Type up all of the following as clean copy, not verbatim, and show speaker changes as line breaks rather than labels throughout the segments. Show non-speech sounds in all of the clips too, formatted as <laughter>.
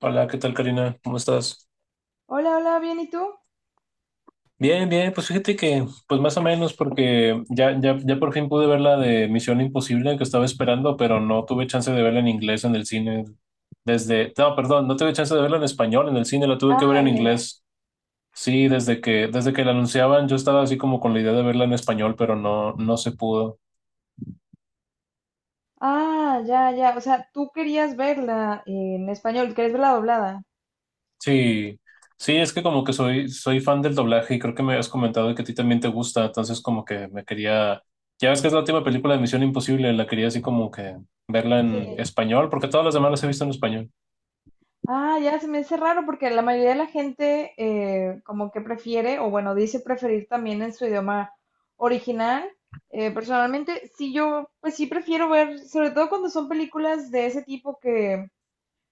Hola, ¿qué tal, Karina? ¿Cómo estás?
Hola, hola, bien, ¿y tú?
Bien, bien, pues fíjate que, pues más o menos, porque ya, ya, ya por fin pude ver la de Misión Imposible que estaba esperando, pero no tuve chance de verla en inglés en el cine desde, no, perdón, no tuve chance de verla en español en el cine, la tuve que ver
Ah,
en
ya, ya.
inglés. Sí, desde que la anunciaban, yo estaba así como con la idea de verla en español, pero no, no se pudo.
Ah, ya, ya, o sea, tú querías verla en español, querías verla doblada.
Sí, sí, es que como que soy fan del doblaje y creo que me habías comentado que a ti también te gusta, entonces como que me quería, ya ves que es la última película de Misión Imposible, la quería así como que verla en
Sí.
español, porque todas las demás las he visto en español.
Ah, ya, se me hace raro porque la mayoría de la gente como que prefiere, o bueno, dice preferir también en su idioma original. Personalmente, sí, yo, pues sí prefiero ver, sobre todo cuando son películas de ese tipo que...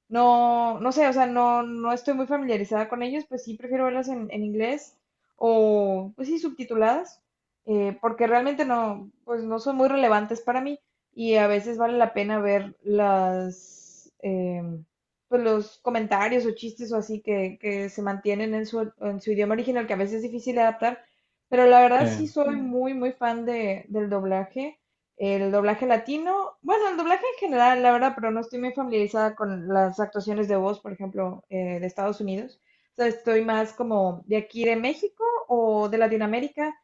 No, no sé, o sea, no, no estoy muy familiarizada con ellos, pues sí prefiero verlas en inglés o, pues sí, subtituladas, porque realmente no, pues no son muy relevantes para mí y a veces vale la pena ver las, pues los comentarios o chistes o así que se mantienen en su idioma original, que a veces es difícil de adaptar, pero la verdad
Eh,
sí soy muy, muy fan de, del doblaje. El doblaje latino, bueno, el doblaje en general, la verdad, pero no estoy muy familiarizada con las actuaciones de voz, por ejemplo, de Estados Unidos. O sea, estoy más como de aquí de México o de Latinoamérica,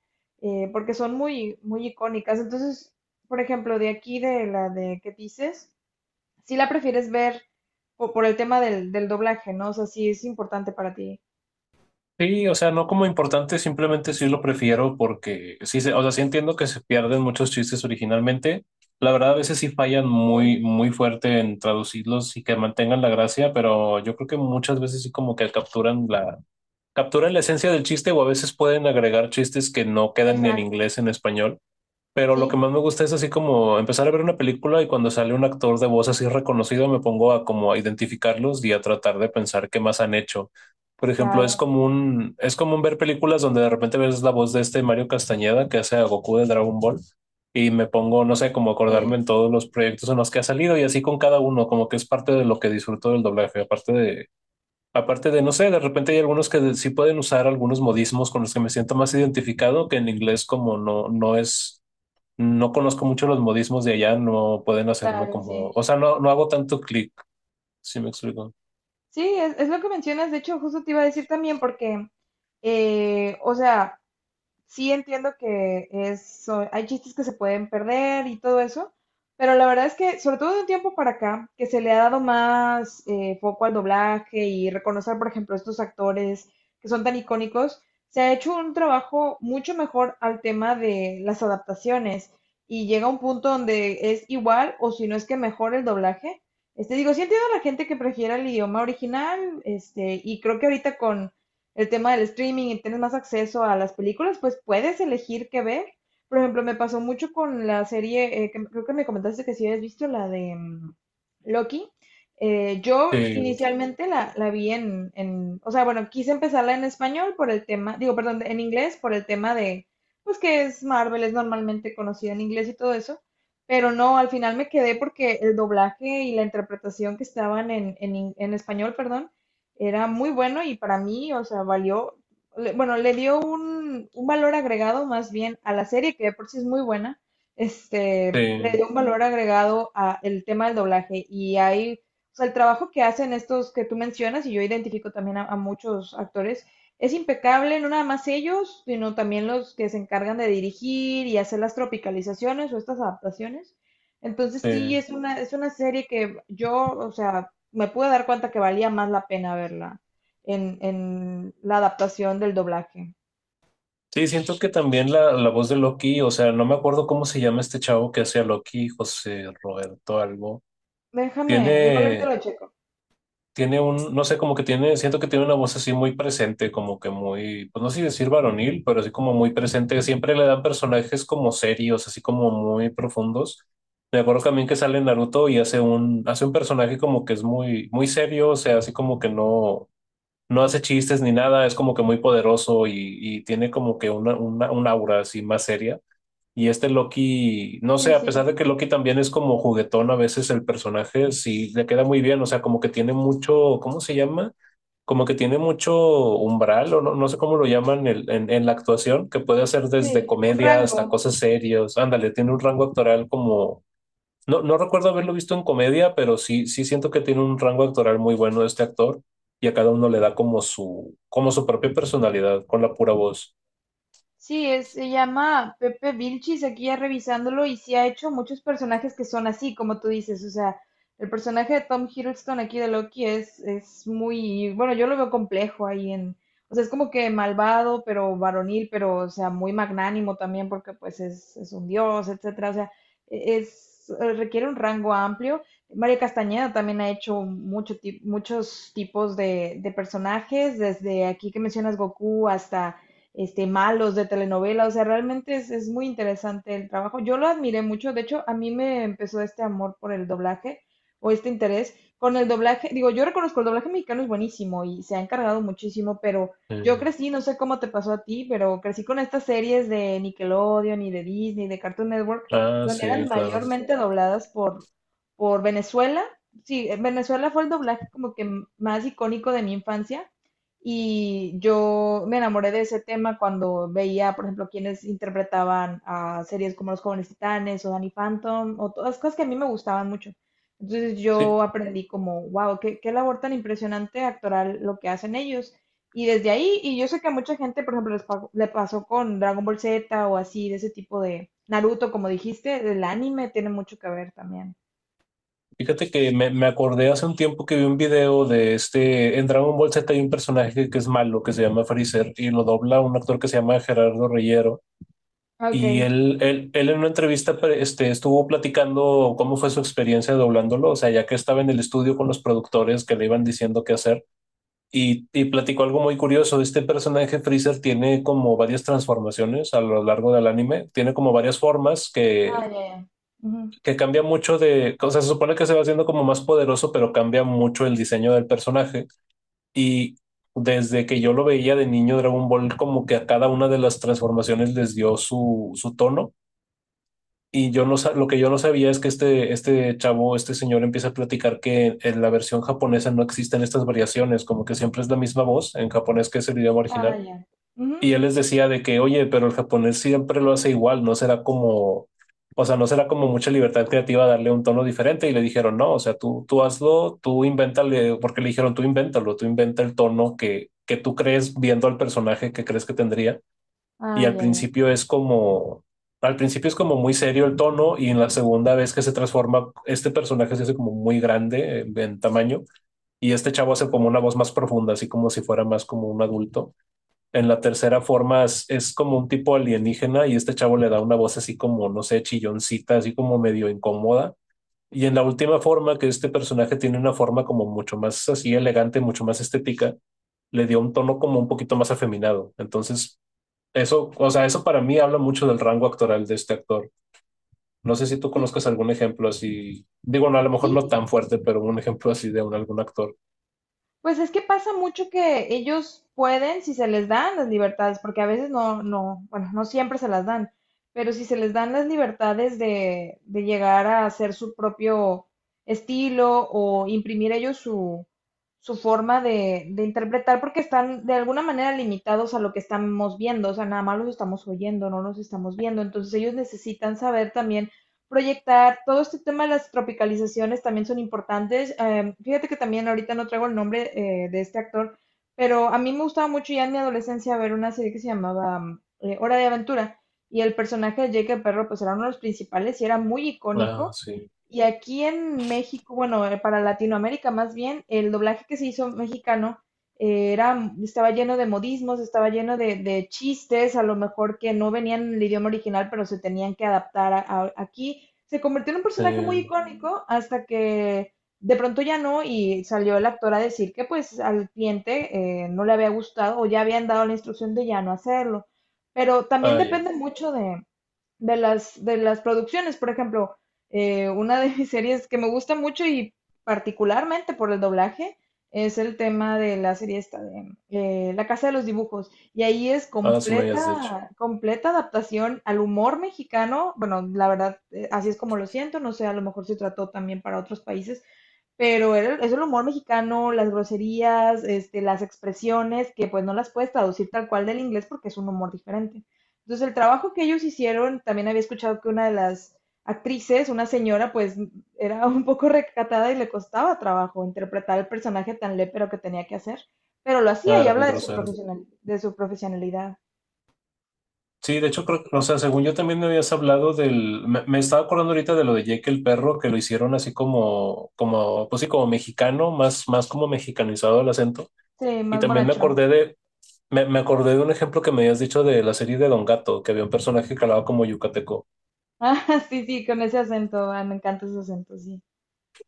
porque son muy, muy icónicas. Entonces, por ejemplo, de aquí de la de qué dices, si la prefieres ver o por el tema del doblaje, ¿no? O sea, sí es importante para ti.
sí, o sea, no como importante, simplemente sí lo prefiero porque sí, o sea, sí entiendo que se pierden muchos chistes originalmente. La verdad, a veces sí fallan
Sí.
muy, muy fuerte en traducirlos y que mantengan la gracia, pero yo creo que muchas veces sí como que capturan capturan la esencia del chiste o a veces pueden agregar chistes que no quedan ni en
Exacto.
inglés ni en español. Pero lo que
Sí,
más me gusta es así como empezar a ver una película y cuando sale un actor de voz así reconocido me pongo a como a identificarlos y a tratar de pensar qué más han hecho. Por ejemplo, es
claro,
común, es común ver películas donde de repente ves la voz de este Mario Castañeda que hace a Goku de Dragon Ball y me pongo, no sé, como acordarme
sí.
en todos los proyectos en los que ha salido y así con cada uno, como que es parte de lo que disfruto del doblaje, aparte de. Aparte de, no sé, de repente hay algunos que sí pueden usar algunos modismos con los que me siento más identificado, que en inglés como no, no es, no conozco mucho los modismos de allá, no pueden hacerme
Claro,
como,
sí.
o sea, no, no hago tanto clic, si me explico.
Sí, es lo que mencionas. De hecho, justo te iba a decir también porque, o sea, sí entiendo que es, hay chistes que se pueden perder y todo eso, pero la verdad es que, sobre todo de un tiempo para acá, que se le ha dado más foco al doblaje y reconocer, por ejemplo, estos actores que son tan icónicos, se ha hecho un trabajo mucho mejor al tema de las adaptaciones y llega un punto donde es igual o si no es que mejor el doblaje. Este, digo, sí entiendo a la gente que prefiera el idioma original, este, y creo que ahorita con el tema del streaming y tienes más acceso a las películas, pues puedes elegir qué ver. Por ejemplo, me pasó mucho con la serie, que creo que me comentaste que si habías visto la de Loki. Yo
Sí,
inicialmente la vi o sea, bueno, quise empezarla en español por el tema, digo, perdón, en inglés por el tema de, pues que es Marvel, es normalmente conocida en inglés y todo eso, pero no, al final me quedé porque el doblaje y la interpretación que estaban en español, perdón, era muy bueno y para mí, o sea, valió, bueno, le dio un valor agregado más bien a la serie, que de por sí es muy buena, este, le
sí,
dio un valor agregado a el tema del doblaje y hay, o sea, el trabajo que hacen estos que tú mencionas, y yo identifico también a muchos actores, es impecable, no nada más ellos, sino también los que se encargan de dirigir y hacer las tropicalizaciones o estas adaptaciones. Entonces
sí.
sí, es una serie que yo, o sea, me pude dar cuenta que valía más la pena verla en la adaptación del doblaje.
Sí, siento que también la voz de Loki, o sea, no me acuerdo cómo se llama este chavo que hacía Loki, José Roberto algo.
Déjame, igual ahorita
Tiene,
lo checo.
tiene un, no sé, como que tiene, siento que tiene una voz así muy presente, como que muy, pues no sé si decir varonil, pero así como muy presente. Siempre le dan personajes como serios, así como muy profundos. Me acuerdo también que sale en Naruto y hace un personaje como que es muy, muy serio, o sea, así como que no, no hace chistes ni nada, es como que muy poderoso y tiene como que una, un aura así más seria. Y este Loki, no
Sí,
sé, a pesar
sí,
de que Loki también es como juguetón a veces el personaje, sí le queda muy bien, o sea, como que tiene mucho, ¿cómo se llama? Como que tiene mucho umbral, o no, no sé cómo lo llaman en la actuación, que puede hacer desde
sí, un
comedia
rango.
hasta cosas serias. Ándale, tiene un rango actoral como, no, no recuerdo haberlo visto en comedia, pero sí, sí siento que tiene un rango actoral muy bueno este actor y a cada uno le da como su propia personalidad con la pura voz.
Sí, se llama Pepe Vilchis, aquí ya revisándolo, y sí ha hecho muchos personajes que son así, como tú dices, o sea, el personaje de Tom Hiddleston aquí de Loki es muy, bueno, yo lo veo complejo ahí en, o sea, es como que malvado, pero varonil, pero, o sea, muy magnánimo también, porque pues es un dios, etcétera, o sea, requiere un rango amplio. María Castañeda también ha hecho mucho, muchos tipos de personajes, desde aquí que mencionas Goku hasta este, malos de telenovela, o sea, realmente es muy interesante el trabajo. Yo lo admiré mucho, de hecho, a mí me empezó este amor por el doblaje o este interés con el doblaje. Digo, yo reconozco el doblaje mexicano es buenísimo y se ha encargado muchísimo, pero yo
Mm.
crecí, no sé cómo te pasó a ti, pero crecí con estas series de Nickelodeon y de Disney, de Cartoon Network,
Ah,
donde
sí,
eran
claro.
mayormente dobladas por Venezuela. Sí, en Venezuela fue el doblaje como que más icónico de mi infancia y yo me enamoré de ese tema cuando veía, por ejemplo, quienes interpretaban a series como Los Jóvenes Titanes o Danny Phantom o todas las cosas que a mí me gustaban mucho. Entonces
Sí.
yo aprendí como, wow, qué, qué labor tan impresionante actoral lo que hacen ellos. Y desde ahí, y yo sé que a mucha gente, por ejemplo, le pasó con Dragon Ball Z o así, de ese tipo de Naruto, como dijiste, el anime tiene mucho que ver también.
Fíjate que me acordé hace un tiempo que vi un video de este, en Dragon Ball Z hay un personaje que es malo, que se llama Freezer, y lo dobla un actor que se llama Gerardo Reyero. Y
Ok.
él en una entrevista este, estuvo platicando cómo fue su experiencia doblándolo, o sea, ya que estaba en el estudio con los productores que le iban diciendo qué hacer, y platicó algo muy curioso, este personaje Freezer tiene como varias transformaciones a lo largo del anime, tiene como varias formas
Ah, ya, ya. Ujú.
que cambia mucho de, o sea, se supone que se va haciendo como más poderoso, pero cambia mucho el diseño del personaje. Y desde que yo lo veía de niño, Dragon Ball como que a cada una de las transformaciones les dio su, su tono. Y yo no, lo que yo no sabía es que este chavo, este señor empieza a platicar que en la versión japonesa no existen estas variaciones, como que siempre es la misma voz en japonés que es el idioma
Ah,
original
ya. Ujú.
y él les decía de que, oye, pero el japonés siempre lo hace igual, no será como, o sea, no será como mucha libertad creativa darle un tono diferente. Y le dijeron, no, o sea, tú hazlo, tú invéntale, porque le dijeron, tú invéntalo, tú inventa el tono que tú crees viendo al personaje que crees que tendría. Y
Ah, ya, ya.
al principio es como muy serio el tono y en la segunda vez que se transforma, este personaje se hace como muy grande en tamaño y este chavo hace como una voz más profunda, así como si fuera más como un adulto en la tercera forma es como un tipo alienígena y este chavo le da una voz así como, no sé, chilloncita, así como medio incómoda. Y en la última forma, que este personaje tiene una forma como mucho más así elegante, mucho más estética, le dio un tono como un poquito más afeminado. Entonces, eso, o sea, eso para mí habla mucho del rango actoral de este actor. No sé si tú
Sí,
conozcas algún ejemplo así, digo, no, a lo mejor no
sí,
tan fuerte, pero un ejemplo así de un, algún actor.
pues es que pasa mucho que ellos pueden, si se les dan las libertades, porque a veces no, no, bueno, no siempre se las dan, pero si se les dan las libertades de llegar a hacer su propio estilo o imprimir ellos su, su forma de interpretar, porque están de alguna manera limitados a lo que estamos viendo, o sea, nada más los estamos oyendo, no los estamos viendo, entonces ellos necesitan saber también proyectar. Todo este tema de las tropicalizaciones también son importantes. Fíjate que también ahorita no traigo el nombre de este actor, pero a mí me gustaba mucho ya en mi adolescencia ver una serie que se llamaba Hora de Aventura y el personaje de Jake el Perro pues era uno de los principales y era muy
Ah,
icónico.
sí.
Y aquí en México, bueno, para Latinoamérica más bien, el doblaje que se hizo mexicano era, estaba lleno de modismos, estaba lleno de chistes, a lo mejor que no venían en el idioma original, pero se tenían que adaptar aquí. Se convirtió en un personaje muy
Sí.
icónico hasta que de pronto ya no y salió el actor a decir que pues al cliente no le había gustado o ya habían dado la instrucción de ya no hacerlo. Pero también
Ah, ya.
depende mucho de las, de las producciones. Por ejemplo, una de mis series que me gusta mucho y particularmente por el doblaje es el tema de la serie esta de La Casa de los Dibujos. Y ahí es
Ah, sí me habías dicho.
completa, completa adaptación al humor mexicano. Bueno, la verdad, así es como lo siento. No sé, a lo mejor se trató también para otros países, pero es el humor mexicano, las groserías, este, las expresiones, que pues no las puedes traducir tal cual del inglés porque es un humor diferente. Entonces el trabajo que ellos hicieron, también había escuchado que una de las actrices, una señora, pues era un poco recatada y le costaba trabajo interpretar el personaje tan lépero que tenía que hacer, pero lo hacía
Ah,
y
era muy
habla de su
grosero.
profesional, de su profesionalidad.
Sí, de hecho, creo, o sea, según yo también me habías hablado del, me estaba acordando ahorita de lo de Jake el perro, que lo hicieron así como, como, pues sí, como mexicano, más, más como mexicanizado el acento.
Sí,
Y
más
también me
bonachón.
acordé
<laughs>
de, me acordé de un ejemplo que me habías dicho de la serie de Don Gato, que había un personaje calado como yucateco.
Ah, sí, sí, con ese acento, ah, me encanta ese acento, sí.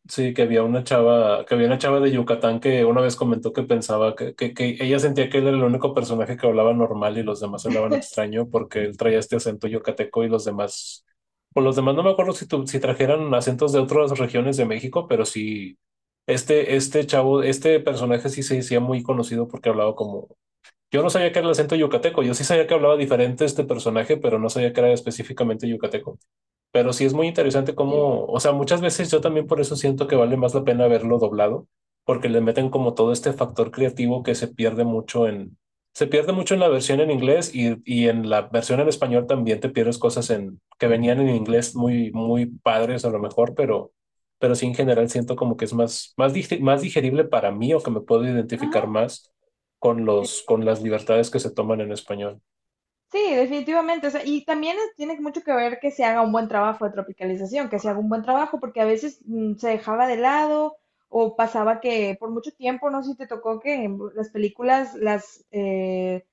Sí, que había una chava, que había una chava de Yucatán que una vez comentó que pensaba que, que ella sentía que él era el único personaje que hablaba normal y los demás hablaban extraño porque él traía este acento yucateco y los demás, pues los demás no me acuerdo si, si trajeran acentos de otras regiones de México, pero sí, este chavo, este personaje sí se hacía muy conocido porque hablaba como, yo no sabía que era el acento yucateco, yo sí sabía que hablaba diferente este personaje, pero no sabía que era específicamente yucateco. Pero sí es muy interesante cómo,
Sí.
o sea, muchas veces yo también por eso siento que vale más la pena verlo doblado, porque le meten como todo este factor creativo que se pierde mucho en, se pierde mucho en la versión en inglés y en la versión en español también te pierdes cosas en, que venían en inglés muy, muy padres a lo mejor, pero sí en general siento como que es más, más, más digerible para mí o que me puedo
Ajá.
identificar más con los, con las libertades que se toman en español.
Sí, definitivamente. O sea, y también tiene mucho que ver que se haga un buen trabajo de tropicalización, que se haga un buen trabajo, porque a veces se dejaba de lado o pasaba que por mucho tiempo, no sé si te tocó que en las películas,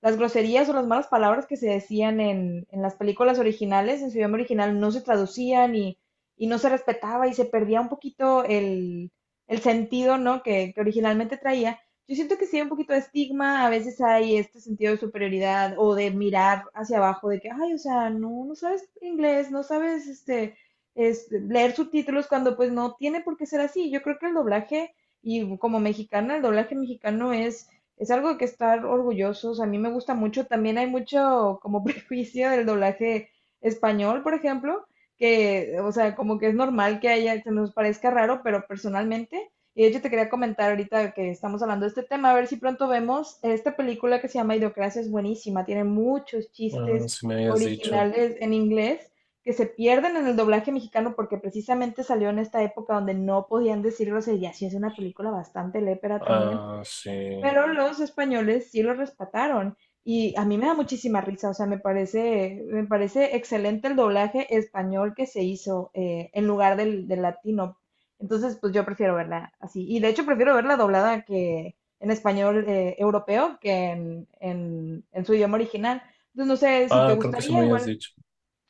las groserías o las malas palabras que se decían en las películas originales, en su idioma original, no se traducían y no se respetaba y se perdía un poquito el sentido, ¿no? Que originalmente traía. Yo siento que sí hay un poquito de estigma, a veces hay este sentido de superioridad o de mirar hacia abajo, de que, ay, o sea, no, no sabes inglés, no sabes leer subtítulos cuando pues no tiene por qué ser así. Yo creo que el doblaje, y como mexicana, el doblaje mexicano es algo de que estar orgullosos. A mí me gusta mucho, también hay mucho como <laughs> prejuicio del doblaje español, por ejemplo, que, o sea, como que es normal que haya, se nos parezca raro, pero personalmente y de hecho te quería comentar ahorita que estamos hablando de este tema, a ver si pronto vemos esta película que se llama Idiocracia, es buenísima, tiene muchos
Ah,
chistes
sí me habías dicho.
originales en inglés que se pierden en el doblaje mexicano porque precisamente salió en esta época donde no podían decir groserías y es una película bastante lépera también.
Ah, sí.
Pero los españoles sí lo respetaron. Y a mí me da muchísima risa, o sea, me parece excelente el doblaje español que se hizo en lugar del, del latino. Entonces, pues yo prefiero verla así. Y de hecho prefiero verla doblada que en español europeo que en su idioma original. Entonces, no sé si te
Ah, creo que sí me
gustaría,
habías
igual,
dicho.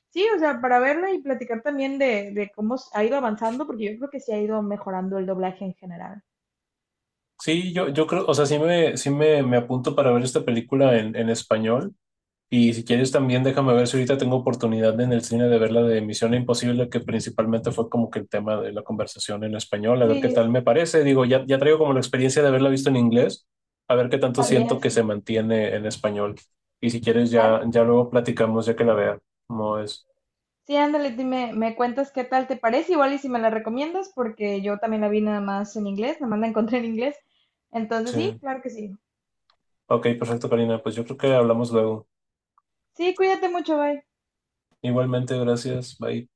sí, o sea, para verla y platicar también de cómo ha ido avanzando, porque yo creo que sí ha ido mejorando el doblaje en general.
Sí, yo creo, o sea, sí me apunto para ver esta película en español. Y si quieres también déjame ver si ahorita tengo oportunidad en el cine de ver la de Misión Imposible, que principalmente fue como que el tema de la conversación en español, a ver qué
Sí,
tal
sí,
me parece. Digo, ya, ya traigo como la experiencia de haberla visto en inglés, a ver qué tanto
también,
siento que se
sí,
mantiene en español. Y si quieres ya,
claro.
ya luego platicamos ya que la vea. No es.
Sí, ándale, dime, me cuentas qué tal te parece, igual y si me la recomiendas, porque yo también la vi nada más en inglés, nada más la encontré en inglés. Entonces, sí,
Sí.
claro que sí.
Ok, perfecto, Karina. Pues yo creo que hablamos luego.
Sí, cuídate mucho, bye.
Igualmente, gracias. Bye.